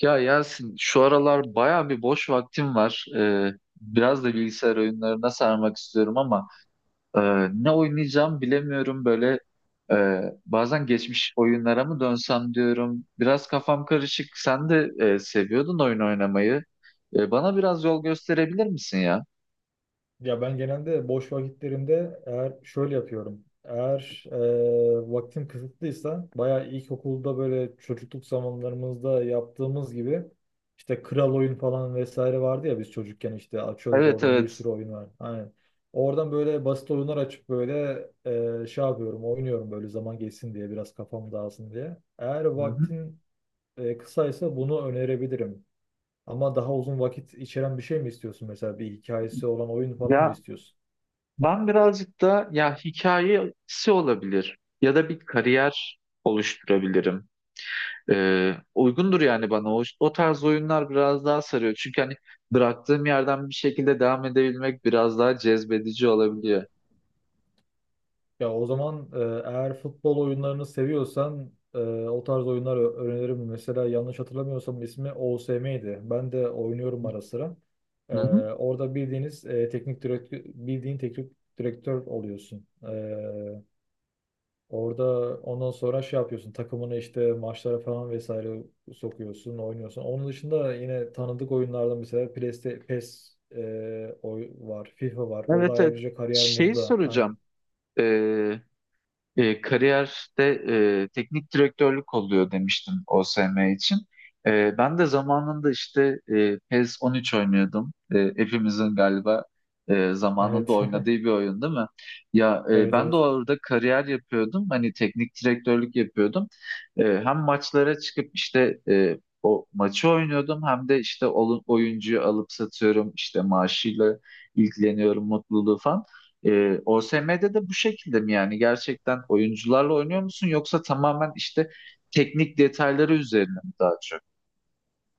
Ya Yasin şu aralar baya bir boş vaktim var. Biraz da bilgisayar oyunlarına sarmak istiyorum ama e, ne oynayacağım bilemiyorum böyle. Bazen geçmiş oyunlara mı dönsem diyorum. Biraz kafam karışık. Sen de seviyordun oyun oynamayı. Bana biraz yol gösterebilir misin ya? Ya ben genelde boş vakitlerimde eğer şöyle yapıyorum. Eğer vaktim kısıtlıysa bayağı ilkokulda böyle çocukluk zamanlarımızda yaptığımız gibi işte kral oyun falan vesaire vardı ya, biz çocukken işte açıyorduk, Evet, oradan bir evet. sürü oyun var. Aynen. Oradan böyle basit oyunlar açıp böyle şey yapıyorum, oynuyorum böyle, zaman geçsin diye, biraz kafam dağılsın diye. Eğer Hı hı. vaktin kısaysa bunu önerebilirim. Ama daha uzun vakit içeren bir şey mi istiyorsun, mesela bir hikayesi olan oyun falan mı Ya istiyorsun? ben birazcık da ya hikayesi olabilir ya da bir kariyer oluşturabilirim. Uygundur yani bana o tarz oyunlar biraz daha sarıyor. Çünkü hani bıraktığım yerden bir şekilde devam edebilmek biraz daha cezbedici olabiliyor. Ya o zaman eğer futbol oyunlarını seviyorsan o tarz oyunlar öneririm. Mesela yanlış hatırlamıyorsam ismi OSM'ydi. Ben de oynuyorum ara sıra. E, Hı hı. Orada bildiğiniz teknik direktör, bildiğin teknik direktör oluyorsun. Orada ondan sonra şey yapıyorsun. Takımını işte maçlara falan vesaire sokuyorsun, oynuyorsun. Onun dışında yine tanıdık oyunlardan mesela PES'te, PES oy var, FIFA var. Orada Evet, evet. ayrıca kariyer Şey modu da, aynen. soracağım. Ee, Kariyerde teknik direktörlük oluyor demiştin OSM için. E, ben de zamanında işte PES 13 oynuyordum. E, hepimizin galiba zamanında Evet. oynadığı bir oyun değil mi? Ya Evet, ben de evet. orada kariyer yapıyordum. Hani teknik direktörlük yapıyordum. E, hem maçlara çıkıp işte o maçı oynuyordum hem de işte oyuncuyu alıp satıyorum, işte maaşıyla ilgileniyorum, mutluluğu falan. E, OSM'de de bu şekilde mi, yani gerçekten oyuncularla oynuyor musun yoksa tamamen işte teknik detayları üzerine mi daha çok?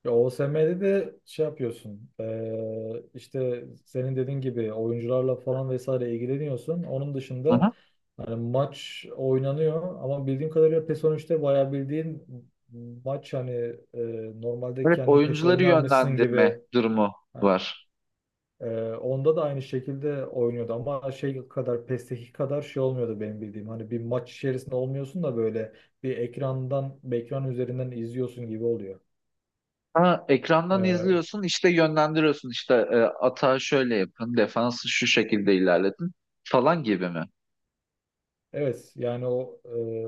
Ya OSM'de de şey yapıyorsun. İşte senin dediğin gibi oyuncularla falan vesaire ilgileniyorsun. Onun Hı dışında hı. hani maç oynanıyor ama bildiğim kadarıyla PES 13'te bayağı bildiğin maç, hani normalde Evet, kendin PES oyuncuları oynar mısın yönlendirme gibi. durumu Ha, var. Onda da aynı şekilde oynuyordu ama şey kadar, PES'teki kadar şey olmuyordu benim bildiğim. Hani bir maç içerisinde olmuyorsun da böyle bir ekrandan, bir ekran üzerinden izliyorsun gibi oluyor. Ha, ekrandan izliyorsun, işte yönlendiriyorsun, işte atağı şöyle yapın, defansı şu şekilde ilerletin falan gibi mi? Evet, yani o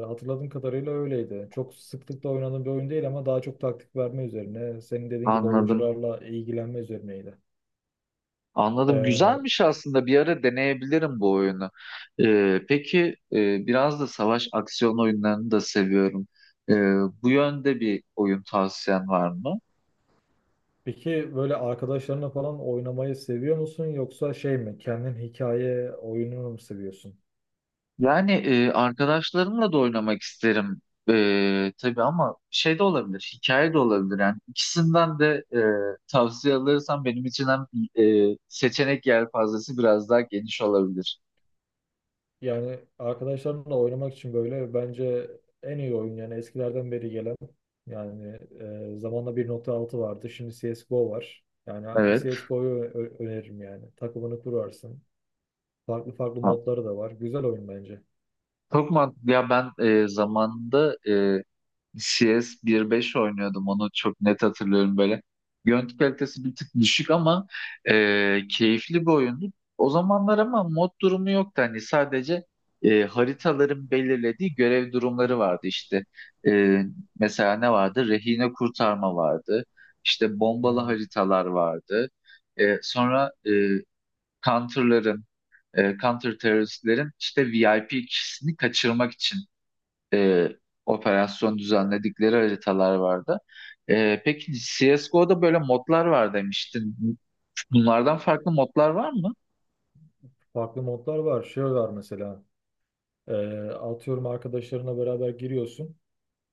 hatırladığım kadarıyla öyleydi. Çok sıklıkla oynadığım bir oyun değil ama daha çok taktik verme üzerine. Senin dediğin gibi Anladım. oyuncularla ilgilenme üzerineydi. Anladım. E, Güzelmiş aslında. Bir ara deneyebilirim bu oyunu. Peki biraz da savaş aksiyon oyunlarını da seviyorum. Ee, Bu yönde bir oyun tavsiyen var mı? peki böyle arkadaşlarına falan oynamayı seviyor musun, yoksa şey mi, kendin hikaye oyununu mu seviyorsun? Yani arkadaşlarımla da oynamak isterim. Tabii ama şey de olabilir, hikaye de olabilir. Yani ikisinden de tavsiye alırsam benim için hem seçenek yelpazesi biraz daha geniş olabilir. Yani arkadaşlarınla oynamak için böyle, bence en iyi oyun, yani eskilerden beri gelen, yani zamanla 1.6 vardı, şimdi CSGO var. Yani Evet. CSGO'yu öneririm, yani takımını kurarsın. Farklı farklı Tamam. modları da var. Güzel oyun bence. Çok mantıklı. Ya ben zamanında CS 1.5 oynuyordum, onu çok net hatırlıyorum böyle. Görüntü kalitesi bir tık düşük ama keyifli bir oyundu. O zamanlar ama mod durumu yoktu, hani sadece haritaların belirlediği görev durumları vardı işte. E, mesela ne vardı? Rehine kurtarma vardı. İşte bombalı Aynen. haritalar vardı. E, sonra counter'ların, counter teröristlerin işte VIP kişisini kaçırmak için e, operasyon düzenledikleri haritalar vardı. E, peki CSGO'da böyle modlar var demiştin. Bunlardan farklı modlar var mı? Farklı modlar var. Şey var mesela. e, Atıyorum, arkadaşlarına beraber giriyorsun.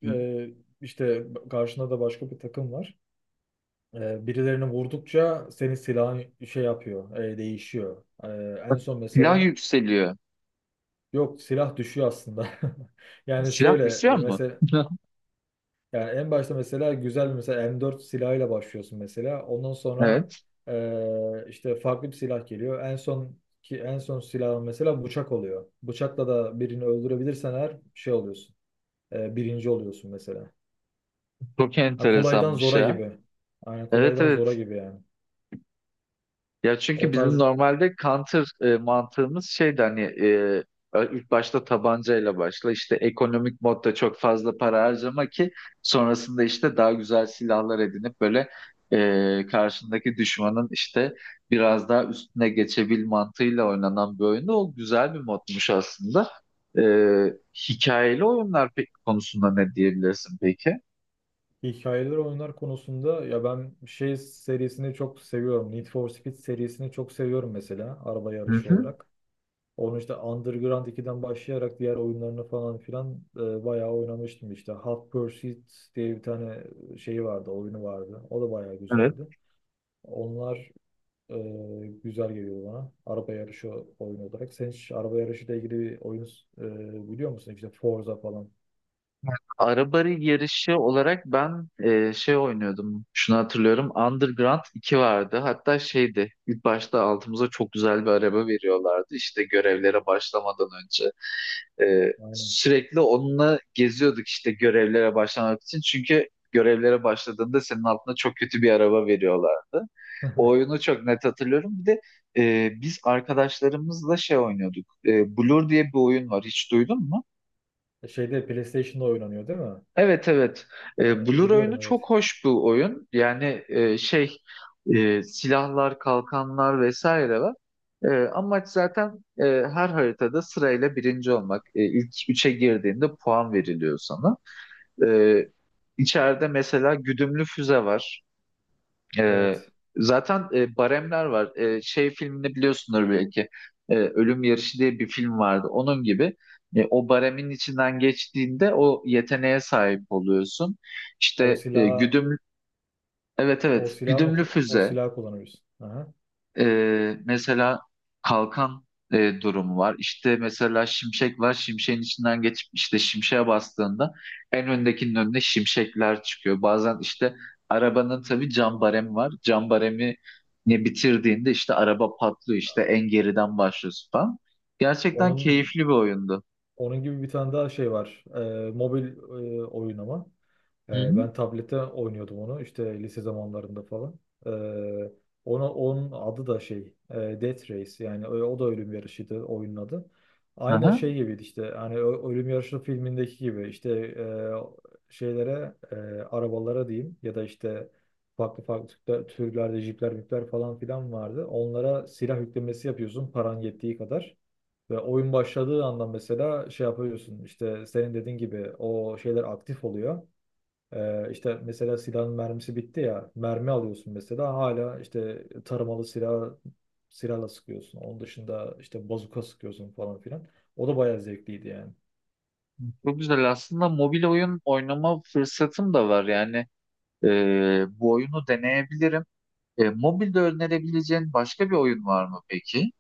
Hı. E, işte karşında da başka bir takım var. E, birilerini vurdukça senin silahın şey yapıyor, değişiyor. E, en Bak. son Silah mesela, yükseliyor. yok, silah düşüyor aslında. Yani Silah şöyle, düşüyor mu? mesela yani en başta mesela güzel bir, mesela M4 silahıyla başlıyorsun mesela. Ondan sonra Evet. İşte farklı bir silah geliyor. En son ki en son silahın mesela bıçak oluyor. Bıçakla da birini öldürebilirsen her şey oluyorsun. Birinci oluyorsun mesela. Çok Ha, kolaydan enteresanmış zora ya. gibi. Aynen, Evet, kolaydan zora evet. gibi yani. Ya O çünkü bizim tarz normalde counter mantığımız şeydi, hani ilk başta tabancayla başla, işte ekonomik modda çok fazla para harcama ki sonrasında işte daha güzel silahlar edinip böyle karşındaki düşmanın işte biraz daha üstüne geçebil mantığıyla oynanan bir oyundu. O güzel bir modmuş aslında. E, hikayeli oyunlar peki konusunda ne diyebilirsin peki? hikayeler, oyunlar konusunda ya ben şey serisini çok seviyorum. Need for Speed serisini çok seviyorum mesela, araba Hı yarışı hı. olarak. Onu işte Underground ikiden başlayarak diğer oyunlarını falan filan bayağı oynamıştım işte. Hot Pursuit diye bir tane şeyi vardı, oyunu vardı. O da bayağı Evet. güzeldi. Onlar e, güzel geliyor bana, araba yarışı oyunu olarak. Sen hiç araba yarışıyla ilgili bir oyun biliyor musun? İşte Forza falan. Araba yarışı olarak ben şey oynuyordum. Şunu hatırlıyorum. Underground iki vardı. Hatta şeydi. İlk başta altımıza çok güzel bir araba veriyorlardı. İşte görevlere başlamadan önce. E, Aynen. sürekli onunla geziyorduk işte görevlere başlamak için. Çünkü görevlere başladığında senin altına çok kötü bir araba veriyorlardı. O oyunu çok net hatırlıyorum. Bir de biz arkadaşlarımızla şey oynuyorduk. E, Blur diye bir oyun var. Hiç duydun mu? Şeyde, PlayStation'da oynanıyor değil mi? Evet, evet. E, E, Blur oyunu biliyorum, evet. çok hoş bir oyun. Yani şey silahlar, kalkanlar vesaire var. E, amaç zaten her haritada sırayla birinci olmak. E, ilk üçe girdiğinde puan veriliyor sana. E, içeride mesela güdümlü füze var. Ee, Evet. Zaten baremler var. Şey filmini biliyorsunuz belki. Ölüm Yarışı diye bir film vardı. Onun gibi o baremin içinden geçtiğinde o yeteneğe sahip oluyorsun. O İşte silah, güdüm, evet, evet, güdümlü o füze. silah kullanıyorsun? Aha. Mesela kalkan durumu var. İşte mesela şimşek var. Şimşeğin içinden geçip işte şimşeğe bastığında en öndekinin önüne şimşekler çıkıyor. Bazen işte arabanın tabii cam baremi var. Cam baremi ne bitirdiğinde işte araba patlıyor. İşte en geriden başlıyorsun falan. Gerçekten Onun keyifli bir oyundu. Onun gibi bir tane daha şey var. Mobil oyun ama. Hı hı. Ben tablette oynuyordum onu, işte lise zamanlarında falan. Ee, Ona, onun adı da şey, Death Race, yani o, o da ölüm yarışıydı oyunun adı. Aynı Aha. şey gibiydi işte, hani ölüm yarışı filmindeki gibi, işte şeylere, arabalara diyeyim ya da, işte farklı farklı türlerde jipler mipler falan filan vardı. Onlara silah yüklemesi yapıyorsun, paran yettiği kadar. Ve oyun başladığı anda mesela şey yapıyorsun, işte senin dediğin gibi o şeyler aktif oluyor. İşte mesela silahın mermisi bitti ya, mermi alıyorsun mesela, hala işte tarımalı silah, silahla sıkıyorsun. Onun dışında işte bazuka sıkıyorsun falan filan. O da bayağı zevkliydi yani. Çok güzel. Aslında mobil oyun oynama fırsatım da var. Yani bu oyunu deneyebilirim. E, mobilde önerebileceğin başka bir oyun var mı peki?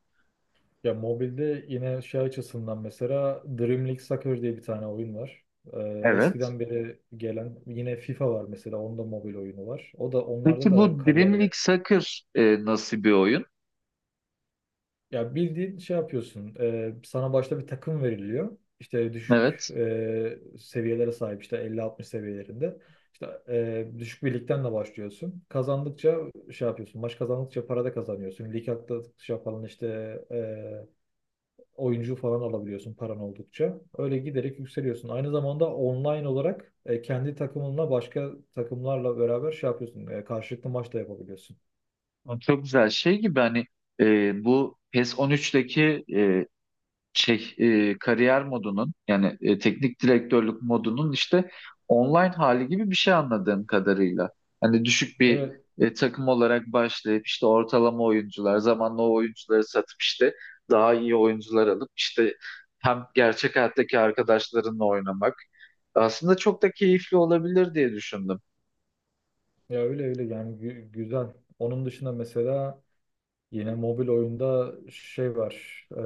Ya mobilde yine şey açısından mesela Dream League Soccer diye bir tane oyun var. Evet. Eskiden beri gelen yine FIFA var mesela, onun da mobil oyunu var. O da, onlarda Peki da bu Dream League kariyer. Soccer nasıl bir oyun? Ya bildiğin şey yapıyorsun. Sana başta bir takım veriliyor. İşte düşük Evet. Seviyelere sahip, işte 50-60 seviyelerinde. İşte düşük bir ligden de başlıyorsun. Kazandıkça şey yapıyorsun. Maç kazandıkça para da kazanıyorsun. Lig atladıkça falan işte oyuncu falan alabiliyorsun, paran oldukça. Öyle giderek yükseliyorsun. Aynı zamanda online olarak kendi takımınla başka takımlarla beraber şey yapıyorsun. E, karşılıklı maç da yapabiliyorsun. O çok güzel şey gibi, hani bu PES 13'teki şey kariyer modunun, yani teknik direktörlük modunun işte online hali gibi bir şey anladığım kadarıyla. Hani düşük bir Evet. Takım olarak başlayıp işte ortalama oyuncular, zamanla o oyuncuları satıp işte daha iyi oyuncular alıp işte hem gerçek hayattaki arkadaşlarınla oynamak aslında çok da keyifli olabilir diye düşündüm. Ya öyle öyle yani, güzel. Onun dışında mesela, yine mobil oyunda şey var.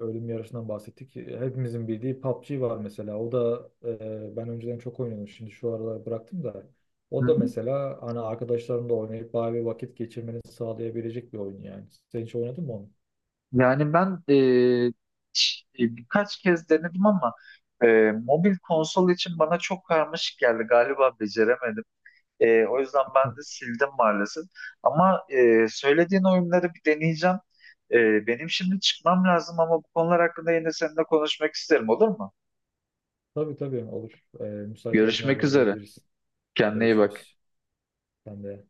Ölüm yarışından bahsettik. Hepimizin bildiği PUBG var mesela. O da ben önceden çok oynuyordum. Şimdi şu aralar bıraktım da. Hı O da hı. mesela hani arkadaşlarımla oynayıp bayağı bir vakit geçirmeni sağlayabilecek bir oyun yani. Sen hiç oynadın mı onu? Yani ben birkaç kez denedim ama mobil konsol için bana çok karmaşık geldi. Galiba beceremedim. E, o yüzden ben Heh, de sildim maalesef. Ama söylediğin oyunları bir deneyeceğim. E, benim şimdi çıkmam lazım ama bu konular hakkında yine seninle konuşmak isterim, olur mu? tabii tabii olur. Müsait olduğuna Görüşmek haber üzere. verebiliriz. Kendine iyi bak. Görüşürüz. Ben de.